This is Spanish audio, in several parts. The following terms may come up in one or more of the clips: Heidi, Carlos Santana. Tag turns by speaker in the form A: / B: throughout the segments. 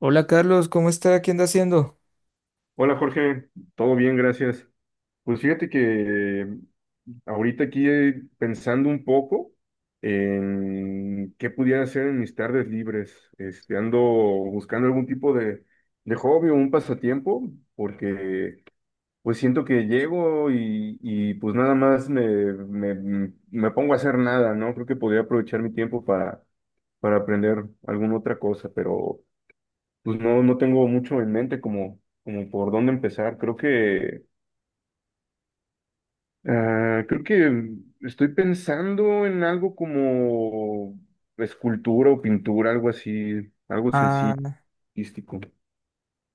A: Hola Carlos, ¿cómo está? ¿Qué anda haciendo?
B: Hola Jorge, todo bien, gracias. Pues fíjate que ahorita aquí pensando un poco en qué pudiera hacer en mis tardes libres, este, ando buscando algún tipo de hobby o un pasatiempo, porque pues siento que llego pues nada más me pongo a hacer nada, ¿no? Creo que podría aprovechar mi tiempo para aprender alguna otra cosa, pero... Pues no tengo mucho en mente como, como por dónde empezar. Creo creo que estoy pensando en algo como escultura o pintura, algo así, algo sencillo,
A: Ah,
B: artístico.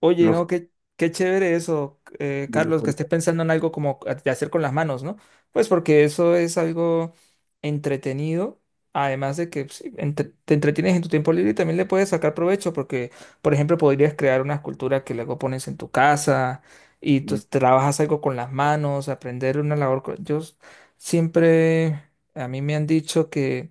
A: oye,
B: No sé.
A: no, qué, qué chévere eso, Carlos, que estés pensando en algo como de hacer con las manos, ¿no? Pues porque eso es algo entretenido, además de que sí, te entretienes en tu tiempo libre y también le puedes sacar provecho, porque, por ejemplo, podrías crear una escultura que luego pones en tu casa y tú trabajas algo con las manos, aprender una labor. Siempre, a mí me han dicho que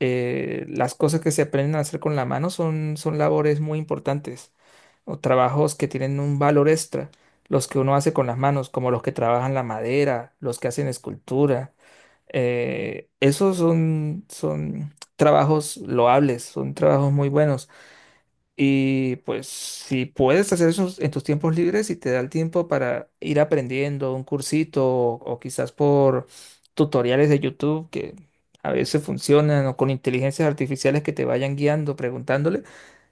A: las cosas que se aprenden a hacer con la mano son labores muy importantes o trabajos que tienen un valor extra, los que uno hace con las manos, como los que trabajan la madera, los que hacen escultura. Esos son trabajos loables, son trabajos muy buenos. Y pues si puedes hacer eso en tus tiempos libres y te da el tiempo para ir aprendiendo un cursito o quizás por tutoriales de YouTube que a veces funcionan o con inteligencias artificiales que te vayan guiando, preguntándole,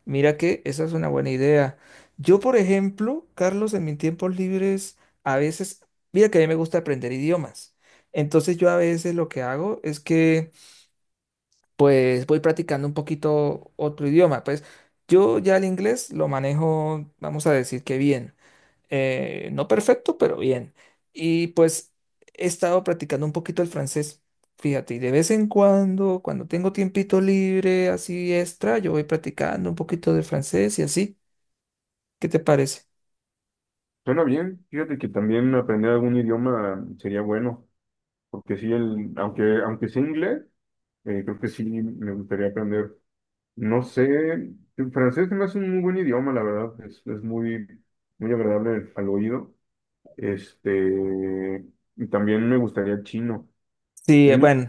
A: mira que esa es una buena idea. Yo, por ejemplo, Carlos, en mis tiempos libres a veces, mira que a mí me gusta aprender idiomas. Entonces yo a veces lo que hago es que pues voy practicando un poquito otro idioma. Pues yo ya el inglés lo manejo, vamos a decir que bien. No perfecto, pero bien. Y pues he estado practicando un poquito el francés. Fíjate, y de vez en cuando, cuando tengo tiempito libre, así extra, yo voy practicando un poquito de francés y así. ¿Qué te parece?
B: Suena bien. Fíjate que también aprender algún idioma sería bueno, porque sí, el, aunque sea inglés, creo que sí me gustaría aprender. No sé, el francés se me hace un muy buen idioma, la verdad. Es muy, muy agradable al oído. Este, y también me gustaría el chino.
A: Sí,
B: El, uni-
A: bueno.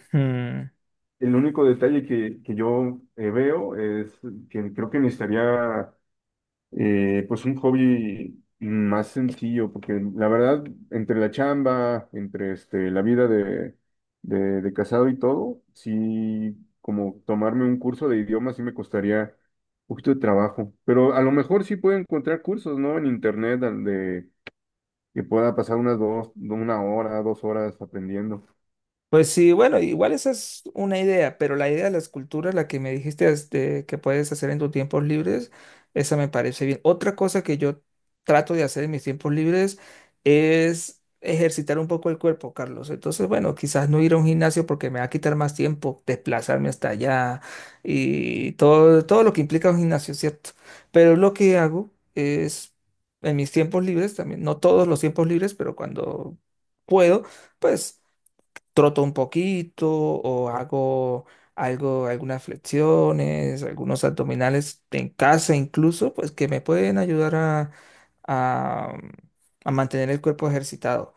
B: el único detalle que yo veo es que creo que necesitaría pues un hobby más sencillo, porque la verdad, entre la chamba, entre este, la vida de casado y todo, sí, como tomarme un curso de idioma sí me costaría un poquito de trabajo. Pero a lo mejor sí puedo encontrar cursos, ¿no? En internet de, que pueda pasar unas dos, una hora, dos horas aprendiendo.
A: Pues sí, bueno, igual esa es una idea, pero la idea de la escultura, la que me dijiste es de que puedes hacer en tus tiempos libres, esa me parece bien. Otra cosa que yo trato de hacer en mis tiempos libres es ejercitar un poco el cuerpo, Carlos. Entonces, bueno, quizás no ir a un gimnasio porque me va a quitar más tiempo desplazarme hasta allá y todo, todo lo que implica un gimnasio, ¿cierto? Pero lo que hago es en mis tiempos libres también, no todos los tiempos libres, pero cuando puedo, pues troto un poquito o hago algo, algunas flexiones, algunos abdominales en casa incluso, pues que me pueden ayudar a, a mantener el cuerpo ejercitado.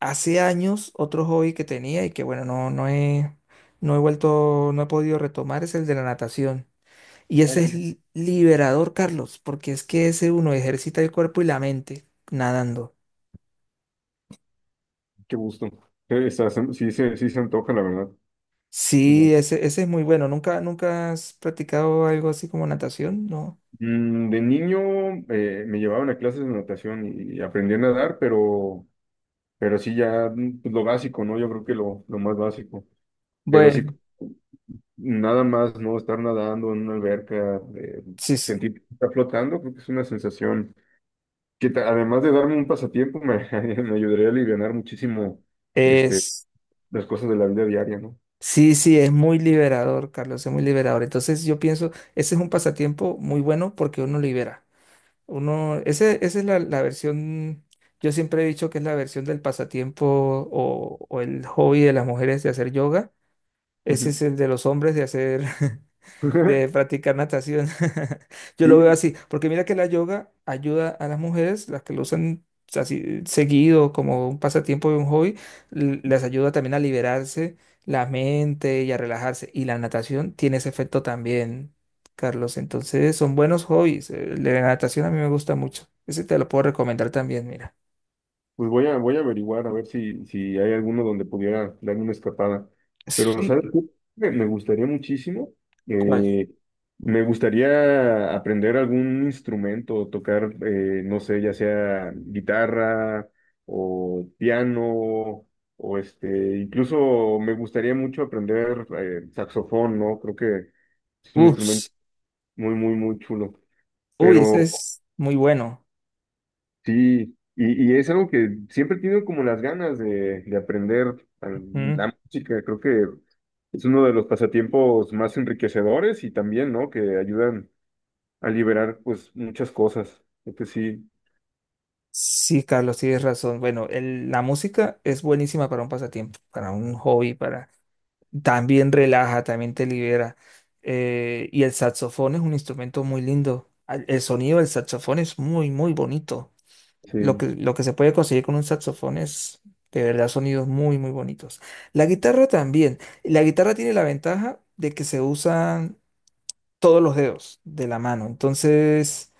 A: Hace años otro hobby que tenía y que bueno, no he vuelto, no he podido retomar es el de la natación. Y
B: Ay,
A: ese es liberador, Carlos, porque es que ese uno ejercita el cuerpo y la mente nadando.
B: qué gusto. Sí se antoja, la verdad.
A: Sí,
B: Ujú.
A: ese es muy bueno. ¿Nunca, nunca has practicado algo así como natación? No.
B: De niño me llevaban a clases de natación y aprendí a nadar, pero sí ya pues, lo básico, ¿no? Yo creo que lo más básico. Pero sí,
A: Bueno,
B: nada más, ¿no? Estar nadando en una alberca,
A: sí, sí.
B: sentir que está flotando, creo que es una sensación que además de darme un pasatiempo, me, me ayudaría a alivianar muchísimo este,
A: Es,
B: las cosas de la vida diaria, ¿no?
A: sí, sí, es muy liberador, Carlos, es muy liberador. Entonces yo pienso, ese es un pasatiempo muy bueno porque uno libera. Esa es la versión, yo siempre he dicho que es la versión del pasatiempo o el hobby de las mujeres de hacer yoga. Ese
B: Ujú.
A: es el de los hombres de hacer, de practicar natación. Yo
B: Sí,
A: lo veo así, porque mira que la yoga ayuda a las mujeres, las que lo usan así seguido como un pasatiempo y un hobby, les ayuda también a liberarse la mente y a relajarse. Y la natación tiene ese efecto también, Carlos. Entonces son buenos hobbies. La natación a mí me gusta mucho. Ese te lo puedo recomendar también, mira.
B: pues voy voy a averiguar a ver si, si hay alguno donde pudiera darme una escapada. Pero,
A: Sí,
B: ¿sabes qué? Me gustaría muchísimo.
A: ¿cuál?
B: eh, Me gustaría aprender algún instrumento, tocar, no sé, ya sea guitarra o piano, o este, incluso me gustaría mucho aprender saxofón, ¿no? Creo que es un
A: Uf,
B: instrumento muy, muy, muy chulo.
A: uy, ese
B: Pero.
A: es muy bueno.
B: Sí, y es algo que siempre he tenido como las ganas de aprender
A: Ujú.
B: la música. Creo que es uno de los pasatiempos más enriquecedores y también, ¿no? Que ayudan a liberar, pues, muchas cosas. Creo que sí,
A: Sí, Carlos, tienes razón. Bueno, la música es buenísima para un pasatiempo, para un hobby, para también relaja, también te libera. Y el saxofón es un instrumento muy lindo. El sonido del saxofón es muy, muy bonito.
B: sí.
A: Lo que se puede conseguir con un saxofón es de verdad sonidos muy, muy bonitos. La guitarra también. La guitarra tiene la ventaja de que se usa todos los dedos de la mano. Entonces,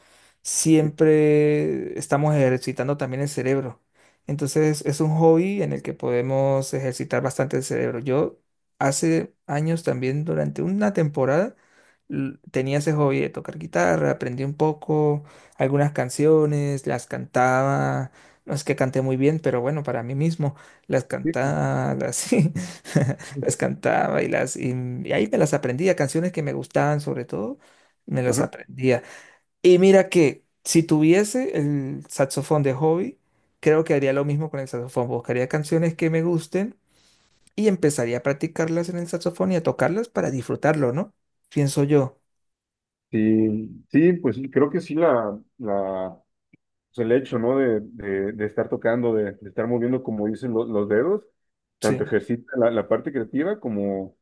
B: Sí,
A: siempre estamos ejercitando también el cerebro. Entonces, es un hobby en el que podemos ejercitar bastante el cerebro. Yo hace años también, durante una temporada, tenía ese hobby de tocar guitarra, aprendí un poco algunas canciones, las cantaba. No es que canté muy bien, pero bueno, para mí mismo, las
B: sí,
A: cantaba, así.
B: sí.
A: Las cantaba y ahí me las aprendía, canciones que me gustaban sobre todo, me las
B: Ajá.
A: aprendía. Y mira que si tuviese el saxofón de hobby, creo que haría lo mismo con el saxofón, buscaría canciones que me gusten y empezaría a practicarlas en el saxofón y a tocarlas para disfrutarlo, ¿no? Pienso yo.
B: Sí, sí, pues sí, creo que sí pues, el hecho, ¿no? De estar tocando, de estar moviendo, como dicen los dedos, tanto
A: Sí.
B: ejercita la parte creativa como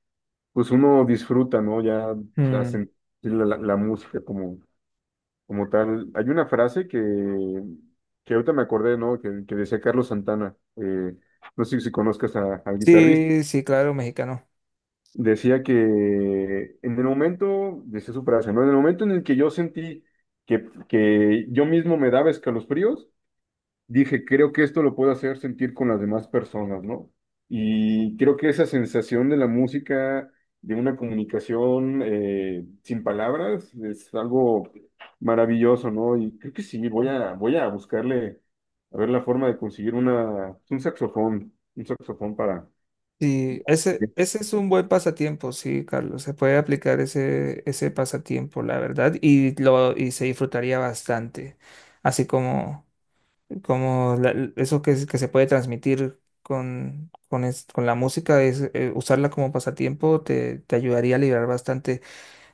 B: pues uno disfruta, ¿no? Ya la,
A: Mm.
B: sen- la- la música como, como tal. Hay una frase que ahorita me acordé, ¿no? Que decía Carlos Santana, no sé si conozcas al guitarrista,
A: Sí, sí, claro, mexicano.
B: decía que en el momento, decía su frase, ¿no? En el momento en el que yo sentí que yo mismo me daba escalofríos, dije, creo que esto lo puedo hacer sentir con las demás personas, ¿no? Y creo que esa sensación de la música, de una comunicación sin palabras, es algo maravilloso, ¿no? Y creo que sí, voy voy a buscarle, a ver la forma de conseguir un saxofón para...
A: Sí, ese es un buen pasatiempo, sí, Carlos. Se puede aplicar ese pasatiempo, la verdad, y se disfrutaría bastante. Así como, como eso que se puede transmitir con la música, es, usarla como pasatiempo te ayudaría a liberar bastante.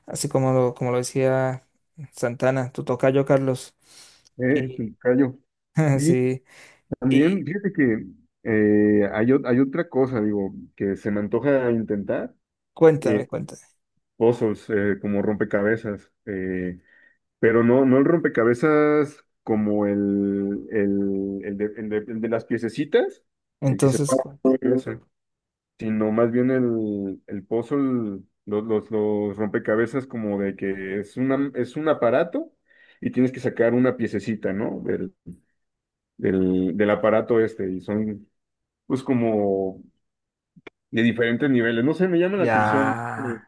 A: Así como como lo decía Santana, tu tocayo, Carlos.
B: Eh,
A: Y
B: callo. Y
A: sí,
B: también,
A: y
B: fíjate que hay otra cosa, digo, que se me antoja intentar.
A: cuéntame,
B: eh,
A: cuéntame.
B: Puzzles, como rompecabezas, pero no, no el rompecabezas como el de las piececitas, el que se
A: Entonces,
B: para,
A: cu-
B: ese, sino más bien el puzzle, los rompecabezas como de que es una, es un aparato y tienes que sacar una piececita, ¿no? Del aparato este, y son pues como de diferentes niveles. No sé, me llama la
A: ya.
B: atención. Eh,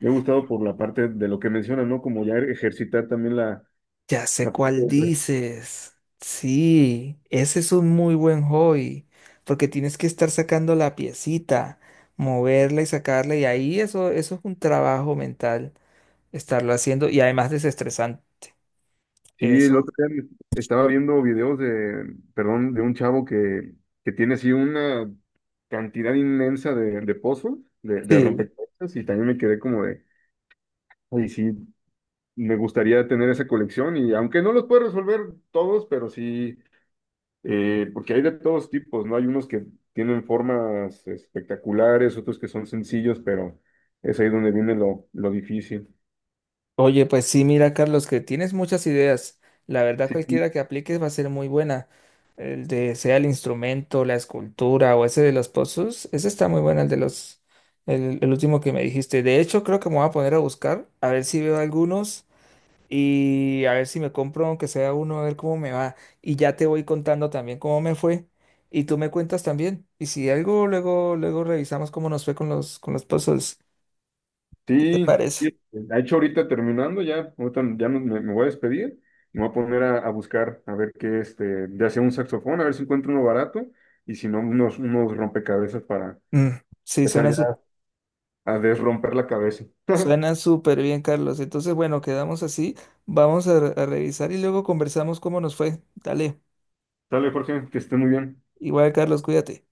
B: me ha gustado por la parte de lo que mencionas, ¿no? Como ya ejercitar también
A: Ya sé
B: la...
A: cuál dices. Sí, ese es un muy buen hobby, porque tienes que estar sacando la piecita, moverla y sacarla, y ahí eso, eso es un trabajo mental, estarlo haciendo, y además desestresante.
B: Sí, el
A: Eso.
B: otro día estaba viendo videos de, perdón, de un chavo que tiene así una cantidad inmensa de puzzles, de
A: Sí.
B: rompecabezas, y también me quedé como de, ay, sí, me gustaría tener esa colección, y aunque no los puedo resolver todos, pero sí. Porque hay de todos tipos, ¿no? Hay unos que tienen formas espectaculares, otros que son sencillos, pero es ahí donde viene lo difícil.
A: Oye, pues sí, mira, Carlos, que tienes muchas ideas. La verdad,
B: Sí,
A: cualquiera que apliques va a ser muy buena. El de sea el instrumento, la escultura o ese de los pozos, ese está muy bueno, el de los, el último que me dijiste. De hecho, creo que me voy a poner a buscar, a ver si veo algunos y a ver si me compro aunque sea uno, a ver cómo me va. Y ya te voy contando también cómo me fue y tú me cuentas también. Y si algo, luego, luego revisamos cómo nos fue con los pozos. ¿Qué te
B: sí, sí.
A: parece?
B: Este, de hecho, ahorita terminando, ya, ahorita ya me voy a despedir. Me voy a poner a buscar, a ver qué, este, ya sea un saxofón, a ver si encuentro uno barato, y si no, unos rompecabezas para
A: Mm, sí,
B: empezar
A: suena súper.
B: ya a desromper la cabeza.
A: Suena súper bien, Carlos. Entonces, bueno, quedamos así. Vamos a revisar y luego conversamos cómo nos fue. Dale.
B: Dale, Jorge, que esté muy bien.
A: Igual, Carlos, cuídate.